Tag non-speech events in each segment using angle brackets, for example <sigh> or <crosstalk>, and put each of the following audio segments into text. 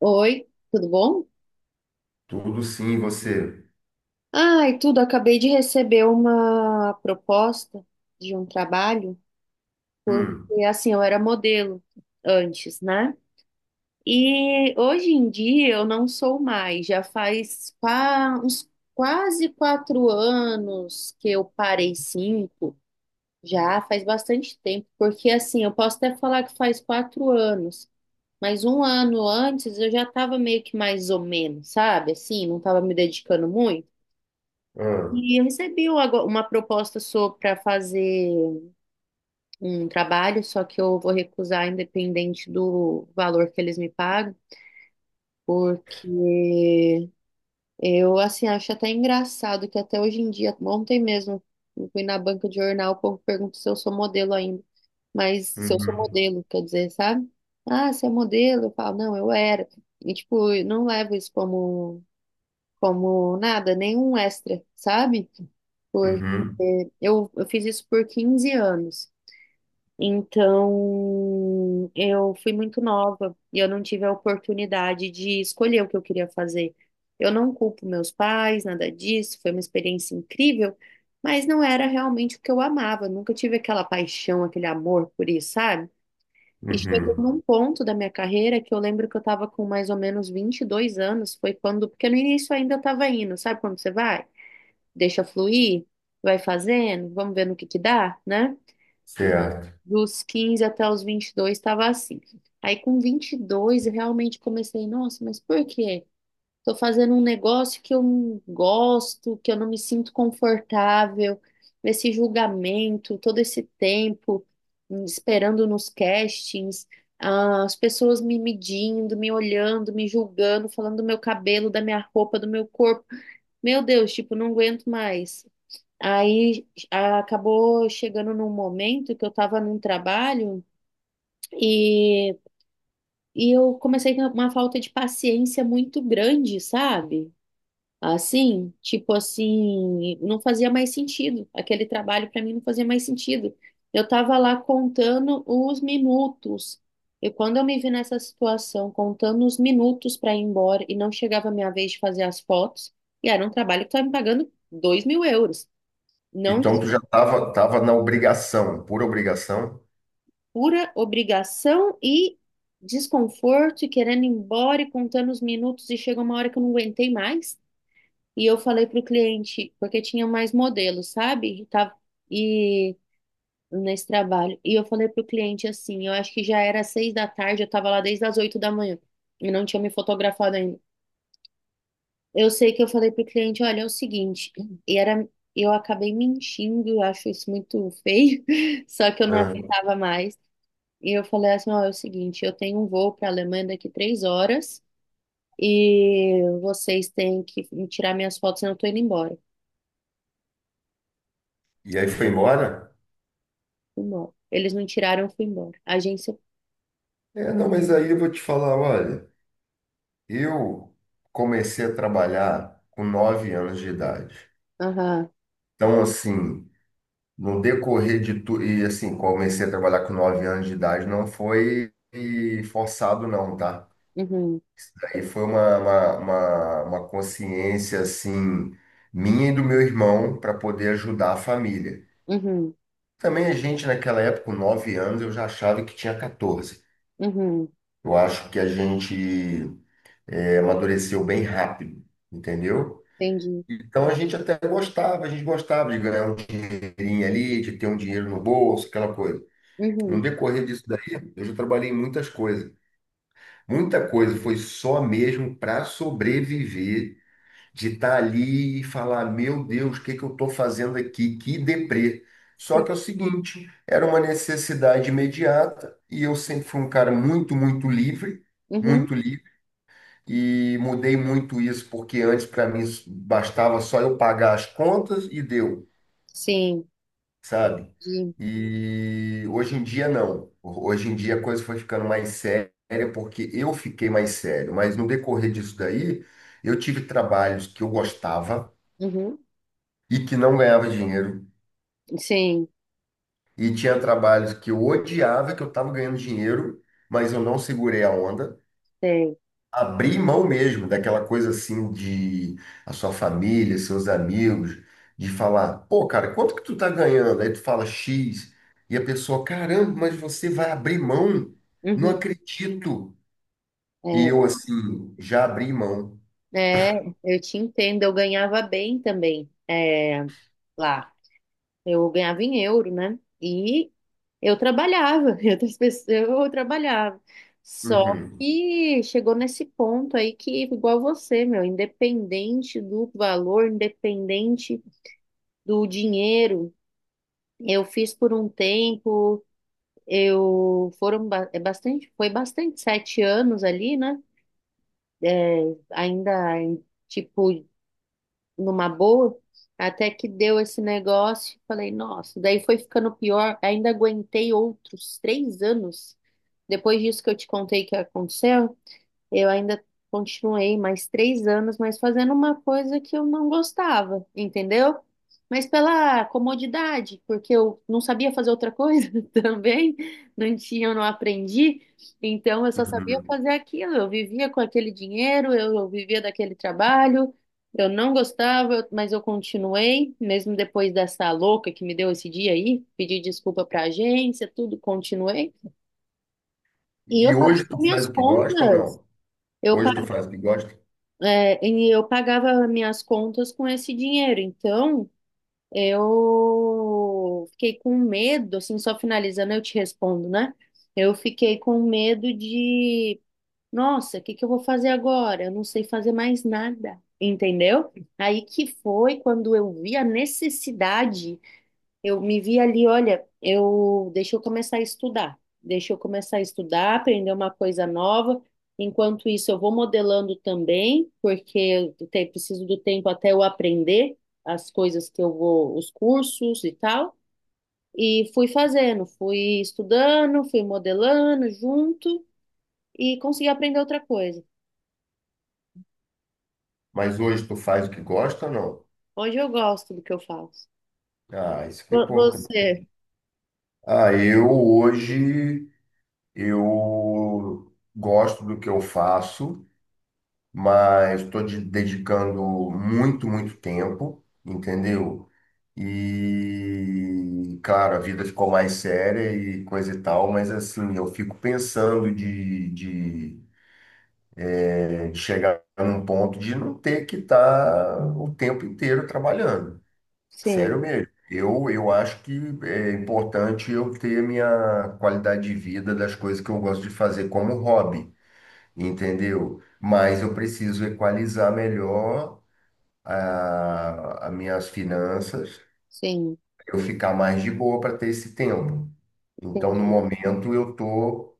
Oi, tudo bom? Tudo sim, você. Ai, tudo. Acabei de receber uma proposta de um trabalho, Hum. porque assim, eu era modelo antes, né? E hoje em dia eu não sou mais. Já faz uns quase quatro anos que eu parei cinco. Já faz bastante tempo, porque assim, eu posso até falar que faz quatro anos, mas um ano antes eu já estava meio que mais ou menos, sabe? Assim, não estava me dedicando muito. Ah. E eu recebi uma proposta para fazer um trabalho, só que eu vou recusar independente do valor que eles me pagam, porque eu assim acho até engraçado que até hoje em dia, ontem mesmo, eu fui na banca de jornal, o povo pergunta se eu sou modelo ainda, mas se eu sou Uhum. modelo, quer dizer, sabe? Ah, você é modelo? Eu falo, não, eu era. E tipo, eu não levo isso como nada, nenhum extra, sabe? Porque Uhum. eu fiz isso por 15 anos. Então, eu fui muito nova e eu não tive a oportunidade de escolher o que eu queria fazer. Eu não culpo meus pais, nada disso, foi uma experiência incrível, mas não era realmente o que eu amava. Eu nunca tive aquela paixão, aquele amor por isso, sabe? E chegou Uhum. num ponto da minha carreira que eu lembro que eu estava com mais ou menos 22 anos, foi quando, porque no início ainda eu estava indo, sabe quando você vai? Deixa fluir, vai fazendo, vamos ver no que dá, né? Tudo. Certo. Dos 15 até os 22 estava assim. Aí com 22 eu realmente comecei, nossa, mas por quê? Tô fazendo um negócio que eu não gosto, que eu não me sinto confortável, esse julgamento, todo esse tempo esperando nos castings, ah, as pessoas me medindo, me olhando, me julgando, falando do meu cabelo, da minha roupa, do meu corpo. Meu Deus, tipo, não aguento mais. Acabou chegando num momento que eu tava num trabalho e, e eu comecei a ter uma falta de paciência muito grande, sabe? Assim, tipo assim, não fazia mais sentido. Aquele trabalho para mim não fazia mais sentido. Eu estava lá contando os minutos. E quando eu me vi nessa situação, contando os minutos para ir embora e não chegava a minha vez de fazer as fotos, e era um trabalho que estava me pagando 2 mil euros. Não de Então tu já tava, na obrigação, por obrigação. pura obrigação e desconforto, e querendo ir embora e contando os minutos, e chega uma hora que eu não aguentei mais. E eu falei para o cliente, porque tinha mais modelos, sabe? E, tava, e nesse trabalho. E eu falei para o cliente assim, eu acho que já era seis da tarde, eu estava lá desde as oito da manhã e não tinha me fotografado ainda. Eu sei que eu falei para o cliente, olha, é o seguinte, e era, eu acabei mentindo, eu acho isso muito feio, <laughs> só que eu não Ah. aguentava mais. E eu falei assim, ó, é o seguinte, eu tenho um voo para a Alemanha daqui três horas e vocês têm que me tirar minhas fotos, senão eu tô indo embora. E aí foi embora? Fui embora. Eles não tiraram, eu fui embora. A agência. É, não, mas aí eu vou te falar, olha, eu comecei a trabalhar com 9 anos de idade. Aham. Então, assim, no decorrer de tudo, e assim, comecei a trabalhar com nove anos de idade, não foi forçado não, tá? Uhum. Aí foi uma consciência assim minha e do meu irmão para poder ajudar a família. Uhum. Também a gente naquela época, com 9 anos, eu já achava que tinha 14. Uhum. Eu acho que a gente amadureceu bem rápido, entendeu? Entendi. Então a gente até gostava, a gente gostava de ganhar um dinheirinho ali, de ter um dinheiro no bolso, aquela coisa. No Uhum. decorrer disso daí, eu já trabalhei em muitas coisas. Muita coisa foi só mesmo para sobreviver de estar ali e falar, meu Deus, o que que eu estou fazendo aqui? Que deprê. Só Sim. que é o seguinte, era uma necessidade imediata e eu sempre fui um cara muito, muito livre, Uhum. muito livre. E mudei muito isso, porque antes para mim bastava só eu pagar as contas e deu, Sim. sabe? Entendi. E hoje em dia não. Hoje em dia a coisa foi ficando mais séria, porque eu fiquei mais sério. Mas no decorrer disso daí, eu tive trabalhos que eu gostava, Uhum. e que não ganhava dinheiro. Sim. E tinha trabalhos que eu odiava, que eu estava ganhando dinheiro, mas eu não segurei a onda. Sei. Abri mão mesmo daquela coisa assim de a sua família, seus amigos, de falar, pô, cara, quanto que tu tá ganhando? Aí tu fala X, e a pessoa, caramba, mas você vai abrir mão? Não Uhum. acredito. E eu É. assim, já abri mão. É, eu te entendo. Eu ganhava bem também. É, lá. Eu ganhava em euro, né? E eu trabalhava, <laughs> e outras pessoas, eu trabalhava. Só Uhum. que chegou nesse ponto aí que, igual você, meu, independente do valor, independente do dinheiro, eu fiz por um tempo, eu foram é bastante, foi bastante, sete anos ali, né? Ainda, tipo, numa boa, até que deu esse negócio, falei, nossa, daí foi ficando pior, ainda aguentei outros três anos, depois disso que eu te contei que aconteceu, eu ainda continuei mais três anos, mas fazendo uma coisa que eu não gostava, entendeu? Mas pela comodidade, porque eu não sabia fazer outra coisa <laughs> também, não tinha, eu não aprendi, então eu só sabia Uhum. fazer aquilo. Eu vivia com aquele dinheiro, eu vivia daquele trabalho, eu não gostava, mas eu continuei, mesmo depois dessa louca que me deu esse dia aí, pedi desculpa pra agência, tudo, continuei. E eu E pagava hoje tu minhas faz o que gosta ou contas. não? Eu Hoje tu faz o que gosta? É, e eu pagava minhas contas com esse dinheiro, então eu fiquei com medo, assim, só finalizando, eu te respondo, né? Eu fiquei com medo de, nossa, o que que eu vou fazer agora? Eu não sei fazer mais nada, entendeu? Aí que foi quando eu vi a necessidade, eu me vi ali, olha, eu deixa eu começar a estudar, deixa eu começar a estudar, aprender uma coisa nova. Enquanto isso, eu vou modelando também, porque preciso do tempo até eu aprender as coisas que eu vou, os cursos e tal. E fui fazendo, fui estudando, fui modelando junto e consegui aprender outra coisa. Mas hoje tu faz o que gosta ou não? Hoje eu gosto do que eu faço. Ah, isso que é importante. Você, Ah, eu hoje eu gosto do que eu faço, mas estou dedicando muito, muito tempo, entendeu? E claro, a vida ficou mais séria e coisa e tal, mas assim, eu fico pensando de chegar num ponto de não ter que estar o tempo inteiro trabalhando. Sério sim, mesmo. Eu acho que é importante eu ter minha qualidade de vida das coisas que eu gosto de fazer como hobby, entendeu? Mas eu preciso equalizar melhor as minhas finanças, sim, eu ficar mais de boa para ter esse tempo. Então, no entendi, momento, eu estou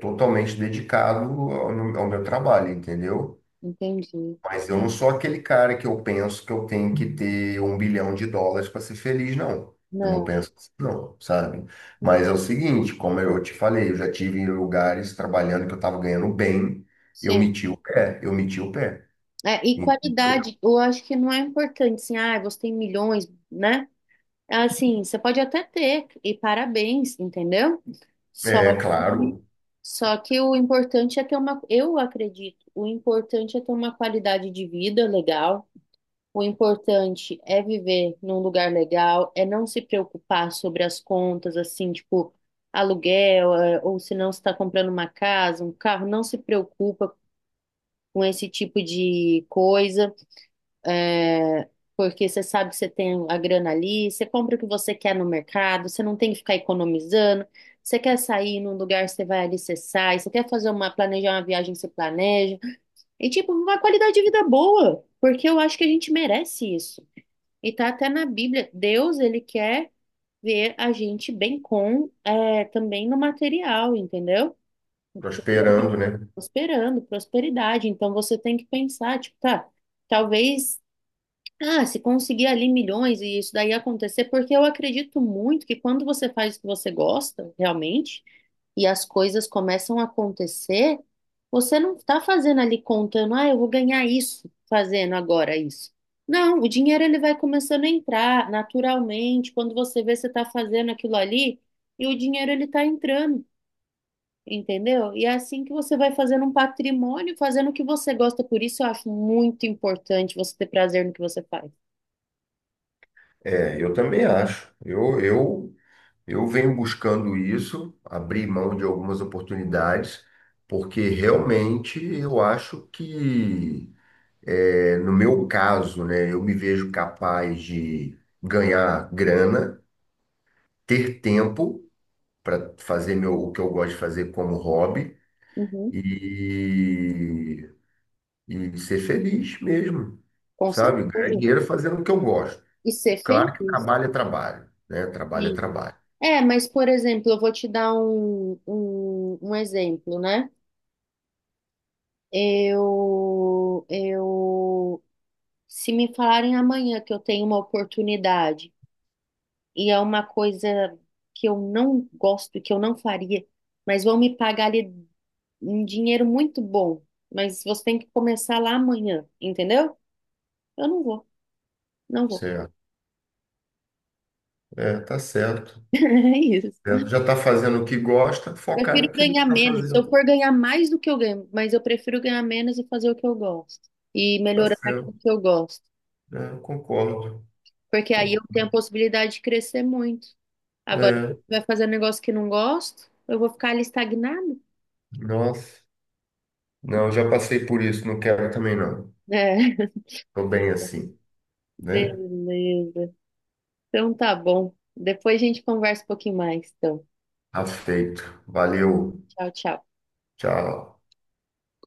totalmente dedicado ao meu trabalho, entendeu? entendi. Mas eu não sou aquele cara que eu penso que eu tenho que ter um bilhão de dólares para ser feliz, não. Eu não Não, penso assim, não, sabe? uhum, Mas é o seguinte, como eu te falei, eu já tive em lugares trabalhando que eu estava ganhando bem, eu sim. meti o pé, eu meti o pé. É, e Então, qualidade, eu acho que não é importante, assim, ah, você tem milhões, né? É. Assim, você pode até ter, e parabéns, entendeu? Só é que, claro, só que o importante é ter uma, eu acredito, o importante é ter uma qualidade de vida legal, o importante é viver num lugar legal, é não se preocupar sobre as contas, assim, tipo, aluguel, é, ou se não está comprando uma casa, um carro, não se preocupa com esse tipo de coisa. É, porque você sabe que você tem a grana ali, você compra o que você quer no mercado, você não tem que ficar economizando. Você quer sair num lugar, você vai ali, você sai. Você quer fazer uma, planejar uma viagem, você planeja. E, tipo, uma qualidade de vida boa, porque eu acho que a gente merece isso. E tá até na Bíblia, Deus, ele quer ver a gente bem com, é, também no material, entendeu? prosperando, né? Prosperando, prosperidade. Então, você tem que pensar, tipo, tá, talvez. Ah, se conseguir ali milhões e isso daí acontecer, porque eu acredito muito que quando você faz o que você gosta, realmente, e as coisas começam a acontecer, você não está fazendo ali contando, ah, eu vou ganhar isso fazendo agora isso. Não, o dinheiro ele vai começando a entrar naturalmente, quando você vê você está fazendo aquilo ali, e o dinheiro ele está entrando, entendeu? E é assim que você vai fazendo um patrimônio, fazendo o que você gosta. Por isso eu acho muito importante você ter prazer no que você faz. É, eu também acho. Eu venho buscando isso, abrir mão de algumas oportunidades, porque realmente eu acho que é, no meu caso, né, eu me vejo capaz de ganhar grana, ter tempo para fazer meu, o que eu gosto de fazer como hobby Uhum, e, e ser feliz mesmo, com sabe? Ganhar certeza. dinheiro fazendo o que eu gosto. E ser Claro que feliz, trabalho é trabalho, né? Trabalho é sim. trabalho. É, mas, por exemplo, eu vou te dar um, exemplo, né? Eu, eu, se me falarem amanhã que eu tenho uma oportunidade e é uma coisa que eu não gosto, que eu não faria, mas vão me pagar ali um dinheiro muito bom, mas você tem que começar lá amanhã, entendeu? Eu não vou, não vou. <laughs> Certo. É, tá certo. É isso. Certo. Já está fazendo o que gosta, focar Prefiro naquilo que ganhar está menos. Se eu fazendo. for ganhar mais do que eu ganho, mas eu prefiro ganhar menos e fazer o que eu gosto. E Tá melhorar aquilo certo. que eu gosto. É, eu concordo. Porque aí eu tenho a possibilidade de crescer muito. Agora, se É, eu vai fazer um negócio que não gosto, eu vou ficar ali estagnado. nossa. Não, já passei por isso, não quero também não. É. Tô bem <laughs> assim, né? Beleza. Então tá bom. Depois a gente conversa um pouquinho mais. Então, Aceito. Valeu. tchau, tchau. Tchau.